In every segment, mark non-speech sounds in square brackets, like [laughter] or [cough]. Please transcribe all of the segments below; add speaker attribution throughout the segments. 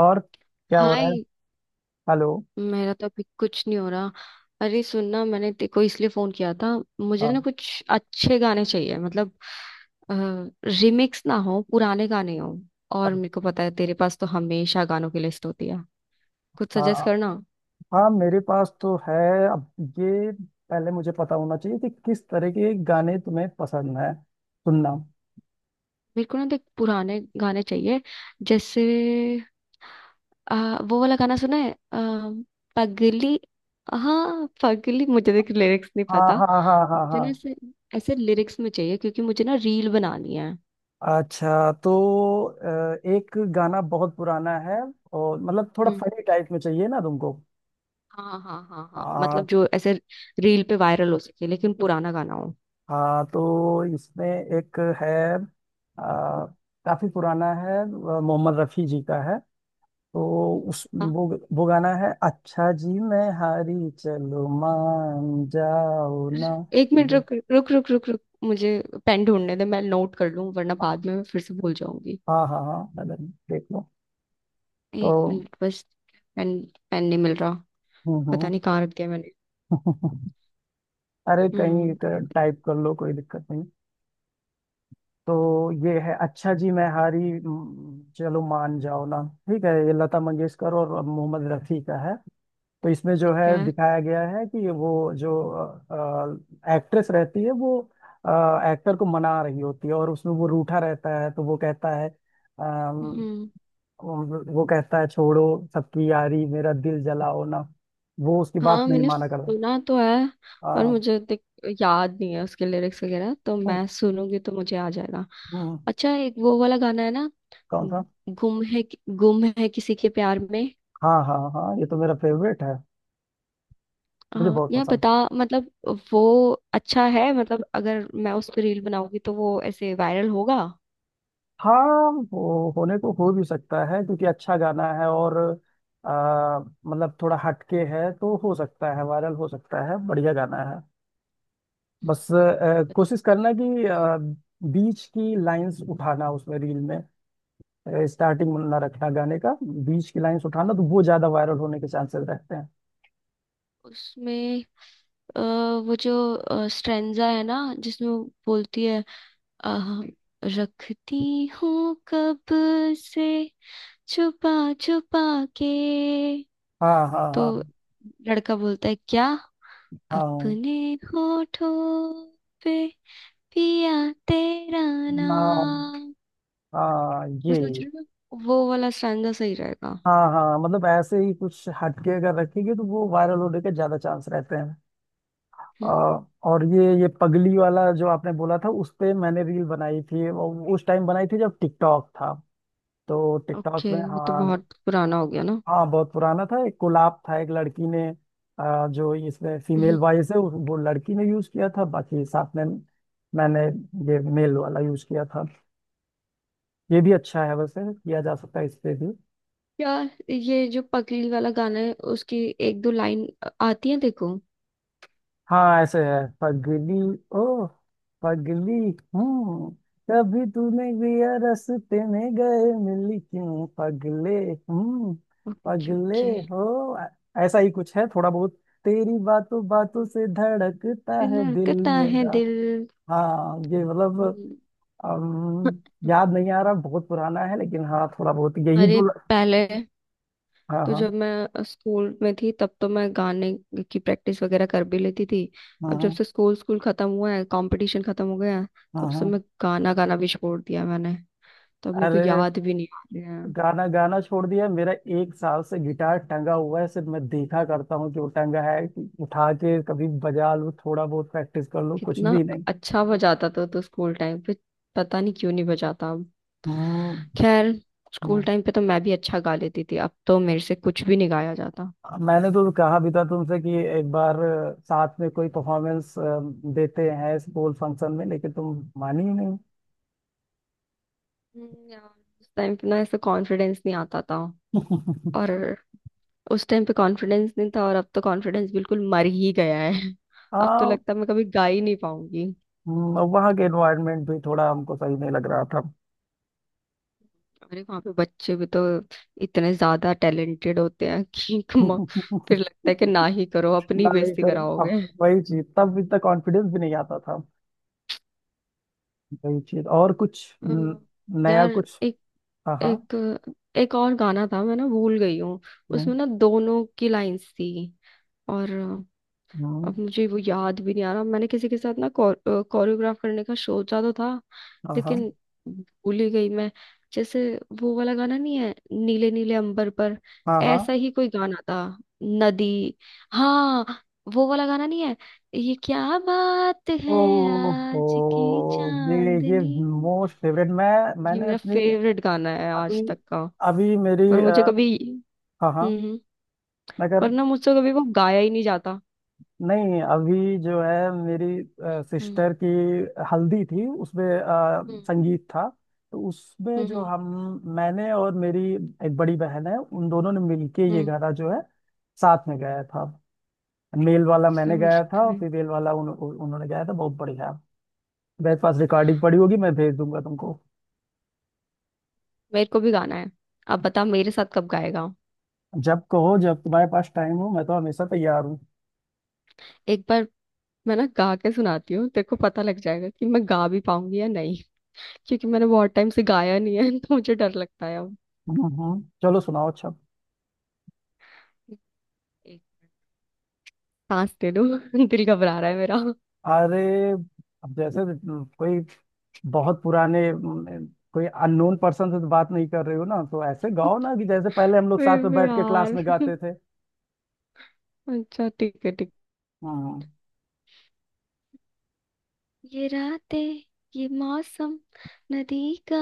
Speaker 1: और क्या हो रहा है।
Speaker 2: हाय।
Speaker 1: हेलो।
Speaker 2: मेरा तो अभी कुछ नहीं हो रहा। अरे सुनना, मैंने तेरे को इसलिए फोन किया था, मुझे
Speaker 1: हाँ।
Speaker 2: ना कुछ अच्छे गाने चाहिए, मतलब रिमिक्स ना हो, पुराने गाने हो।
Speaker 1: अ-
Speaker 2: और मेरे को पता है तेरे पास तो हमेशा गानों की लिस्ट होती है, कुछ
Speaker 1: हाँ।
Speaker 2: सजेस्ट करना।
Speaker 1: हाँ, मेरे पास तो है। अब ये, पहले मुझे पता होना चाहिए कि किस तरह के गाने तुम्हें पसंद है। सुनना।
Speaker 2: मेरे को ना देख पुराने गाने चाहिए, जैसे अ, वो वाला गाना सुना है पगली। हाँ पगली, मुझे देख लिरिक्स नहीं
Speaker 1: हाँ
Speaker 2: पता।
Speaker 1: हाँ हाँ हाँ हाँ
Speaker 2: मुझे
Speaker 1: हाँ।
Speaker 2: ना ऐसे ऐसे लिरिक्स में चाहिए, क्योंकि मुझे ना रील बनानी है।
Speaker 1: अच्छा, तो एक गाना बहुत पुराना है। और मतलब थोड़ा
Speaker 2: हम्म।
Speaker 1: फनी टाइप में चाहिए ना तुमको।
Speaker 2: हाँ हाँ हाँ हाँ,
Speaker 1: हाँ।
Speaker 2: मतलब जो ऐसे रील पे वायरल हो सके लेकिन पुराना गाना हो।
Speaker 1: हाँ तो इसमें एक है, काफी पुराना है, मोहम्मद रफी जी का है। तो उस
Speaker 2: हाँ।
Speaker 1: वो गाना है, अच्छा जी मैं हारी, चलो मान जाओ ना।
Speaker 2: एक मिनट, रुक रुक रुक रुक रुक, मुझे पेन ढूंढने दे, मैं नोट कर लूं वरना बाद में मैं फिर से भूल जाऊंगी।
Speaker 1: हाँ हाँ हाँ, अगर देख लो
Speaker 2: एक
Speaker 1: तो।
Speaker 2: मिनट बस। पेन। पेन नहीं मिल रहा,
Speaker 1: हम्म
Speaker 2: पता
Speaker 1: हम्म।
Speaker 2: नहीं कहाँ रख दिया मैंने।
Speaker 1: [laughs] अरे कहीं,
Speaker 2: हम्म।
Speaker 1: टाइप कर लो कोई दिक्कत नहीं। तो ये है, अच्छा जी मैं हारी, चलो मान जाओ ना। ठीक है, ये लता मंगेशकर और मोहम्मद रफ़ी का है। तो इसमें
Speaker 2: ठीक
Speaker 1: जो है
Speaker 2: है।
Speaker 1: दिखाया गया है कि वो, जो एक्ट्रेस रहती है वो एक्टर को मना रही होती है, और उसमें वो रूठा रहता है, तो वो कहता है अम,
Speaker 2: हम्म।
Speaker 1: वो कहता है, छोड़ो सबकी यारी मेरा दिल जलाओ ना। वो उसकी बात
Speaker 2: हाँ
Speaker 1: नहीं
Speaker 2: मैंने
Speaker 1: माना करता।
Speaker 2: सुना तो है, पर
Speaker 1: अ,
Speaker 2: मुझे याद नहीं है उसके लिरिक्स वगैरह, तो मैं सुनूंगी तो मुझे आ जाएगा।
Speaker 1: हम्म,
Speaker 2: अच्छा, एक वो वाला गाना है ना,
Speaker 1: कौन सा?
Speaker 2: गुम है किसी के प्यार में।
Speaker 1: हाँ हाँ हाँ, ये तो मेरा फेवरेट है, मुझे बहुत
Speaker 2: या
Speaker 1: पसंद है।
Speaker 2: बता मतलब वो अच्छा है, मतलब अगर मैं उस पर रील बनाऊंगी तो वो ऐसे वायरल होगा।
Speaker 1: हाँ, वो होने को हो भी सकता है क्योंकि अच्छा गाना है, और मतलब थोड़ा हटके है, तो हो सकता है वायरल हो सकता है, बढ़िया गाना है।
Speaker 2: हम्म।
Speaker 1: बस कोशिश करना कि बीच की लाइंस उठाना उसमें रील में। स्टार्टिंग ना रखना गाने का, बीच की लाइंस उठाना, तो वो ज्यादा वायरल होने के चांसेस रहते हैं।
Speaker 2: उसमें अ, वो जो स्ट्रेंजा है ना जिसमें वो बोलती है अ, रखती हूँ कब से छुपा छुपा के,
Speaker 1: हाँ हाँ
Speaker 2: तो
Speaker 1: हाँ
Speaker 2: लड़का बोलता है क्या,
Speaker 1: हाँ।
Speaker 2: अपने होठों पे पिया तेरा
Speaker 1: ना।
Speaker 2: नाम।
Speaker 1: हाँ। ये।
Speaker 2: मैं सोच रही हूँ ना, वो वाला स्टैंजा सही रहेगा।
Speaker 1: हाँ हाँ, मतलब ऐसे ही कुछ हटके अगर रखेंगे तो वो वायरल होने के ज्यादा चांस रहते हैं। अ,
Speaker 2: हम्म।
Speaker 1: और ये पगली वाला जो आपने बोला था उस पे मैंने रील बनाई थी। वो उस टाइम बनाई थी जब टिकटॉक था। तो
Speaker 2: ओके,
Speaker 1: टिकटॉक में।
Speaker 2: वो तो
Speaker 1: हाँ।
Speaker 2: बहुत पुराना हो गया ना।
Speaker 1: हाँ बहुत पुराना था, एक कोलैब था। एक लड़की ने जो इसमें फीमेल
Speaker 2: हम्म।
Speaker 1: वॉइस है वो लड़की ने यूज किया था, बाकी साथ में मैंने ये मेल वाला यूज किया था। ये भी अच्छा है, वैसे किया जा सकता है इस पे भी।
Speaker 2: यार ये जो पगली वाला गाना है उसकी एक दो लाइन आती है, देखो।
Speaker 1: हाँ, ऐसे है, पगली, ओ पगली, हूँ, कभी तूने भी रास्ते में गए मिली क्यों पगले, हूँ,
Speaker 2: ओके
Speaker 1: पगले,
Speaker 2: ओके।
Speaker 1: हो ऐ- ऐसा ही कुछ है थोड़ा बहुत। तेरी बातों बातों से धड़कता है दिल
Speaker 2: धड़कता है
Speaker 1: मेरा।
Speaker 2: दिल।
Speaker 1: हाँ, ये मतलब,
Speaker 2: हम्म।
Speaker 1: अम, याद नहीं आ रहा, बहुत पुराना है लेकिन हाँ थोड़ा बहुत यही
Speaker 2: अरे
Speaker 1: दो।
Speaker 2: पहले
Speaker 1: हाँ
Speaker 2: तो
Speaker 1: हाँ
Speaker 2: जब मैं स्कूल में थी तब तो मैं गाने की प्रैक्टिस वगैरह कर भी लेती थी। अब जब
Speaker 1: हाँ
Speaker 2: से स्कूल स्कूल खत्म हुआ है, कंपटीशन खत्म हो गया है,
Speaker 1: हाँ
Speaker 2: तब से
Speaker 1: हाँ।
Speaker 2: मैं गाना गाना भी छोड़ दिया मैंने, तो अब मेरे को
Speaker 1: अरे,
Speaker 2: याद भी नहीं आ रहा है।
Speaker 1: गाना गाना छोड़ दिया मेरा। एक साल से गिटार टंगा हुआ है, सिर्फ मैं देखा करता हूँ कि वो टंगा है, कि उठा के कभी बजा लूँ थोड़ा बहुत प्रैक्टिस कर लूँ, कुछ
Speaker 2: कितना
Speaker 1: भी नहीं।
Speaker 2: अच्छा बजाता था तो स्कूल टाइम पे, पता नहीं क्यों नहीं बजाता अब।
Speaker 1: हम्म
Speaker 2: खैर, स्कूल
Speaker 1: हम्म,
Speaker 2: टाइम पे तो मैं भी अच्छा गा लेती थी, अब तो मेरे से कुछ भी नहीं गाया जाता।
Speaker 1: मैंने तो कहा भी था तुमसे कि एक बार साथ में कोई परफॉर्मेंस देते हैं स्कूल फंक्शन में, लेकिन तुम मानी ही नहीं।
Speaker 2: हम्म। यार उस टाइम पे ना ऐसा कॉन्फिडेंस नहीं आता था। और
Speaker 1: [laughs]
Speaker 2: उस टाइम पे कॉन्फिडेंस नहीं था, और अब तो कॉन्फिडेंस बिल्कुल मर ही गया है। [laughs] अब तो
Speaker 1: हाँ।
Speaker 2: लगता है मैं कभी गा ही नहीं पाऊंगी।
Speaker 1: वहाँ के एनवायरनमेंट भी थोड़ा हमको सही नहीं लग रहा था।
Speaker 2: अरे वहां पे बच्चे भी तो इतने ज्यादा टैलेंटेड होते हैं कि [laughs]
Speaker 1: [laughs]
Speaker 2: फिर लगता है कि ना ही करो, अपनी
Speaker 1: ना ही
Speaker 2: बेइज्जती
Speaker 1: करो। अब
Speaker 2: कराओगे।
Speaker 1: वही चीज, तब इतना कॉन्फिडेंस भी नहीं आता। वही चीज और कुछ
Speaker 2: अ,
Speaker 1: नया
Speaker 2: यार
Speaker 1: कुछ।
Speaker 2: एक
Speaker 1: हाँ हाँ।
Speaker 2: एक एक और गाना था, मैं ना भूल गई हूँ।
Speaker 1: हम्म,
Speaker 2: उसमें ना दोनों की लाइंस थी, और
Speaker 1: हम्म,
Speaker 2: अब मुझे वो याद भी नहीं आ रहा। मैंने किसी के साथ ना कोरियोग्राफ करने का सोचा तो था,
Speaker 1: हाँ
Speaker 2: लेकिन
Speaker 1: हाँ
Speaker 2: भूल ही गई मैं। जैसे वो वाला गाना नहीं है, नीले नीले अंबर पर,
Speaker 1: हाँ हाँ।
Speaker 2: ऐसा ही कोई गाना था। नदी। हाँ वो वाला गाना नहीं है, ये क्या बात है,
Speaker 1: ओ हो,
Speaker 2: आज की
Speaker 1: ये ये
Speaker 2: चांदनी।
Speaker 1: मोस्ट फेवरेट, मैं
Speaker 2: ये
Speaker 1: मैंने
Speaker 2: मेरा
Speaker 1: अपनी
Speaker 2: फेवरेट गाना है
Speaker 1: अभी,
Speaker 2: आज तक का,
Speaker 1: अभी
Speaker 2: पर
Speaker 1: मेरी
Speaker 2: मुझे कभी।
Speaker 1: हाँ हाँ
Speaker 2: हम्म हम्म,
Speaker 1: मैं कर,
Speaker 2: पर ना मुझसे कभी वो गाया ही नहीं जाता।
Speaker 1: नहीं अभी जो है मेरी
Speaker 2: हम्म।
Speaker 1: सिस्टर की हल्दी थी, उसमें
Speaker 2: हम्म
Speaker 1: संगीत था। तो उसमें जो
Speaker 2: हम्म
Speaker 1: हम, मैंने और मेरी एक बड़ी बहन है, उन दोनों ने मिलके ये
Speaker 2: हम्म
Speaker 1: गाना जो है साथ में गाया था। मेल वाला मैंने
Speaker 2: समझ
Speaker 1: गाया था और
Speaker 2: गई।
Speaker 1: फीमेल वाला उन, उन- उन्होंने गाया था, बहुत बढ़िया। मेरे पास रिकॉर्डिंग पड़ी होगी, मैं भेज दूंगा तुमको।
Speaker 2: मेरे को भी गाना है, अब बता मेरे साथ कब गाएगा।
Speaker 1: जब कहो, जब तुम्हारे पास टाइम हो, मैं तो हमेशा तैयार हूँ।
Speaker 2: एक बार मैं ना गा के सुनाती हूँ, तेरे को पता लग जाएगा कि मैं गा भी पाऊंगी या नहीं, क्योंकि मैंने बहुत टाइम से गाया नहीं है तो मुझे डर लगता है अब।
Speaker 1: चलो सुनाओ अच्छा।
Speaker 2: एक सांस दे दो। [laughs] दिल घबरा रहा है मेरा।
Speaker 1: अरे, अब जैसे कोई बहुत पुराने, कोई अननोन पर्सन से तो बात नहीं कर रही हो ना, तो ऐसे गाओ ना कि जैसे पहले हम लोग साथ में
Speaker 2: बेबी
Speaker 1: बैठ के क्लास
Speaker 2: यार।
Speaker 1: में गाते थे।
Speaker 2: अच्छा ठीक है ठीक।
Speaker 1: हम्म।
Speaker 2: ये रातें, ये मौसम, नदी का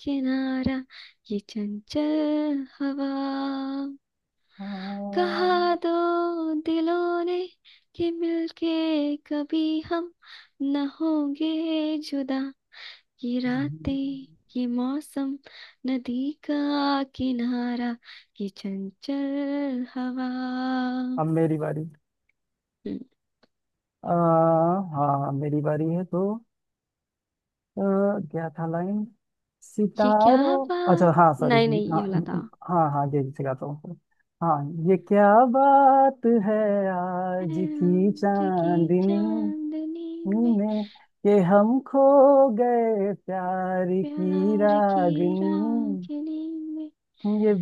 Speaker 2: किनारा, ये चंचल हवा,
Speaker 1: हाँ,
Speaker 2: कहा दो दिलों ने कि मिलके कभी हम न होंगे जुदा। ये रातें, ये मौसम, नदी का किनारा, ये चंचल हवा।
Speaker 1: अब मेरी बारी।
Speaker 2: हम्म।
Speaker 1: आ, हाँ मेरी बारी है तो अ, क्या था लाइन,
Speaker 2: ये क्या
Speaker 1: सितारों, अच्छा
Speaker 2: बात।
Speaker 1: हाँ, सॉरी।
Speaker 2: नहीं नहीं,
Speaker 1: हाँ
Speaker 2: ये वाला था।
Speaker 1: हाँ हाँ, ये सिखाता हूँ। हाँ, ये क्या बात है, आज की
Speaker 2: आज की
Speaker 1: चांदनी
Speaker 2: चांदनी में,
Speaker 1: में कि हम खो गए प्यार की
Speaker 2: प्यार की
Speaker 1: रागनी,
Speaker 2: रागिनी में,
Speaker 1: ये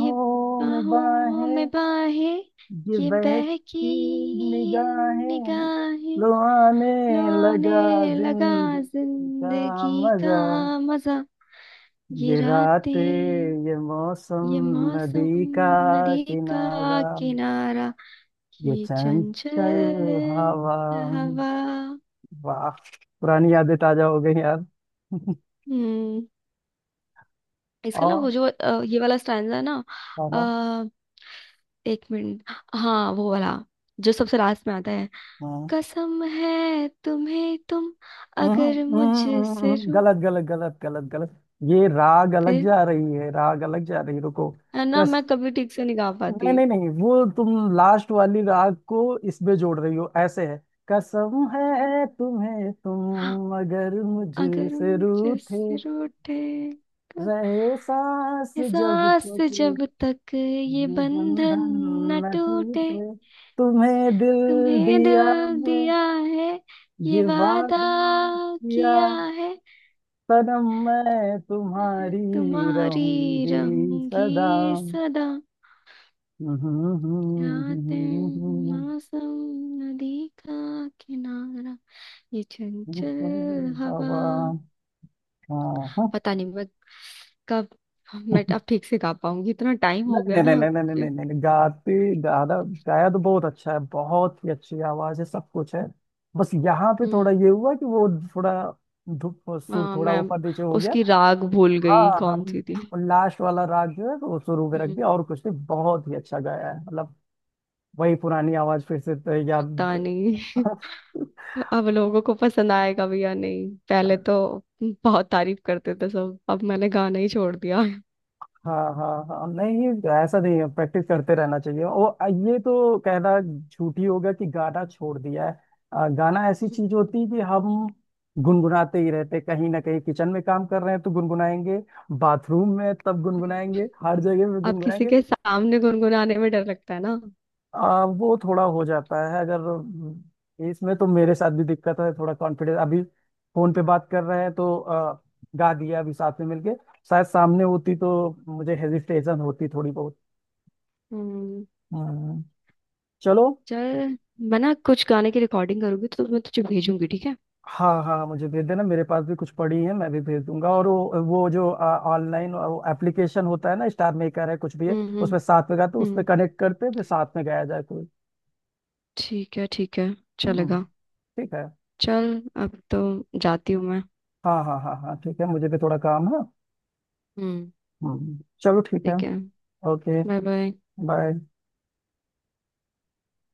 Speaker 2: ये
Speaker 1: में
Speaker 2: बाहों में
Speaker 1: बाहें,
Speaker 2: बाहें,
Speaker 1: ये
Speaker 2: ये
Speaker 1: बहकी
Speaker 2: बहकी
Speaker 1: निगाहें,
Speaker 2: निगाहें,
Speaker 1: लो आने
Speaker 2: लो
Speaker 1: लगा
Speaker 2: आने लगा
Speaker 1: जिंदगी का
Speaker 2: जिंदगी का
Speaker 1: मजा।
Speaker 2: मजा, ये
Speaker 1: ये
Speaker 2: रातें,
Speaker 1: रातें, ये मौसम,
Speaker 2: ये मौसम,
Speaker 1: नदी का
Speaker 2: नदी का
Speaker 1: किनारा,
Speaker 2: किनारा,
Speaker 1: ये
Speaker 2: ये
Speaker 1: चंचल
Speaker 2: चंचल
Speaker 1: हवा।
Speaker 2: हवा।
Speaker 1: वाह, पुरानी यादें ताजा हो गई यार। [laughs]
Speaker 2: हम्म। इसका ना
Speaker 1: और
Speaker 2: वो जो ये वाला स्टैंजा है ना।
Speaker 1: हवा।
Speaker 2: अ, एक मिनट। हाँ वो वाला जो सबसे लास्ट में आता है।
Speaker 1: हाँ हाँ।
Speaker 2: कसम है तुम्हें तुम,
Speaker 1: हम्म,
Speaker 2: अगर मुझसे रू
Speaker 1: गलत गलत गलत गलत गलत, ये राग अलग
Speaker 2: फिर
Speaker 1: जा रही है, राग अलग जा रही है, रुको।
Speaker 2: है ना,
Speaker 1: कस
Speaker 2: मैं कभी ठीक से नहीं गा
Speaker 1: नहीं
Speaker 2: पाती।
Speaker 1: नहीं नहीं, वो तुम लास्ट वाली राग को इसमें जोड़ रही हो। ऐसे है, कसम है तुम्हें, तुम मगर
Speaker 2: अगर
Speaker 1: मुझसे रूठे
Speaker 2: मुझसे रूठे, क-
Speaker 1: रहे, सांस जब
Speaker 2: एहसास
Speaker 1: तक
Speaker 2: जब तक ये
Speaker 1: ये
Speaker 2: बंधन
Speaker 1: बंधन
Speaker 2: न
Speaker 1: न
Speaker 2: टूटे,
Speaker 1: टूटे, तुम्हें दिल
Speaker 2: तुम्हें
Speaker 1: दिया
Speaker 2: दिल
Speaker 1: है,
Speaker 2: दिया है, ये
Speaker 1: ये वादा
Speaker 2: वादा
Speaker 1: किया
Speaker 2: किया है,
Speaker 1: सनम, मैं
Speaker 2: मैं
Speaker 1: तुम्हारी
Speaker 2: तुम्हारी
Speaker 1: रहूंगी
Speaker 2: रहूंगी
Speaker 1: सदा।
Speaker 2: सदा। यादें
Speaker 1: [laughs]
Speaker 2: मौसम, नदी का किनारा, ये चंचल हवा।
Speaker 1: हवा। हाँ हाँ।
Speaker 2: पता नहीं मैं कब मैं अब ठीक से गा पाऊंगी, इतना टाइम हो गया
Speaker 1: नहीं नहीं
Speaker 2: ना
Speaker 1: नहीं नहीं नहीं नहीं नहीं नहीं, गाती दादा, गाया तो बहुत अच्छा है, बहुत ही अच्छी आवाज है, सब कुछ है। बस यहाँ पे थोड़ा
Speaker 2: हम्म।
Speaker 1: ये हुआ कि वो थोड़ा धुप सुर थोड़ा
Speaker 2: मैं
Speaker 1: ऊपर नीचे हो गया।
Speaker 2: उसकी राग भूल गई
Speaker 1: हाँ,
Speaker 2: कौन
Speaker 1: हम
Speaker 2: सी थी।
Speaker 1: लास्ट वाला राग जो है वो शुरू में रख दिया,
Speaker 2: हम्म।
Speaker 1: और कुछ नहीं, बहुत ही अच्छा गाया है, मतलब वही पुरानी आवाज फिर से तो
Speaker 2: पता
Speaker 1: याद।
Speaker 2: नहीं
Speaker 1: [laughs]
Speaker 2: अब लोगों को पसंद आएगा भी या नहीं। पहले तो बहुत तारीफ करते थे सब, अब मैंने गाना ही छोड़ दिया।
Speaker 1: हाँ हाँ हाँ, नहीं ऐसा नहीं है, प्रैक्टिस करते रहना चाहिए वो। ये तो कहना झूठी होगा कि गाना छोड़ दिया है। गाना ऐसी चीज होती है कि हम गुनगुनाते ही रहते, कहीं ना कहीं किचन में काम कर रहे हैं तो गुनगुनाएंगे, बाथरूम में तब
Speaker 2: हम्म।
Speaker 1: गुनगुनाएंगे, हर जगह में
Speaker 2: अब किसी
Speaker 1: गुनगुनाएंगे।
Speaker 2: के सामने गुनगुनाने में डर लगता है ना।
Speaker 1: वो थोड़ा हो जाता है अगर, इसमें तो मेरे साथ भी दिक्कत है, थोड़ा कॉन्फिडेंस अभी। फोन पे बात कर रहे हैं तो गा दिया अभी साथ में मिलके, शायद सामने होती तो मुझे हेजिटेशन होती थोड़ी बहुत।
Speaker 2: हम्म।
Speaker 1: हम्म, चलो।
Speaker 2: चल, मैं ना कुछ गाने की रिकॉर्डिंग करूंगी तो मैं तुझे भेजूंगी, ठीक है।
Speaker 1: हाँ हाँ, मुझे भेज देना, मेरे पास भी कुछ पड़ी है, मैं भी भेज दूंगा। और वो जो ऑनलाइन एप्लीकेशन होता है ना, स्टार मेकर है कुछ भी है,
Speaker 2: हम्म।
Speaker 1: उसमें साथ में गाते, उसमें
Speaker 2: हम्म
Speaker 1: कनेक्ट करते हैं, फिर साथ में गाया जाए कोई।
Speaker 2: ठीक है, ठीक है,
Speaker 1: हम्म।
Speaker 2: चलेगा।
Speaker 1: ठीक है।
Speaker 2: चल, अब तो जाती हूँ मैं।
Speaker 1: हाँ हाँ हाँ हाँ, ठीक है, मुझे भी थोड़ा काम है।
Speaker 2: हम्म
Speaker 1: हम्म, चलो ठीक है।
Speaker 2: ठीक है।
Speaker 1: ओके।
Speaker 2: Bye bye.
Speaker 1: बाय।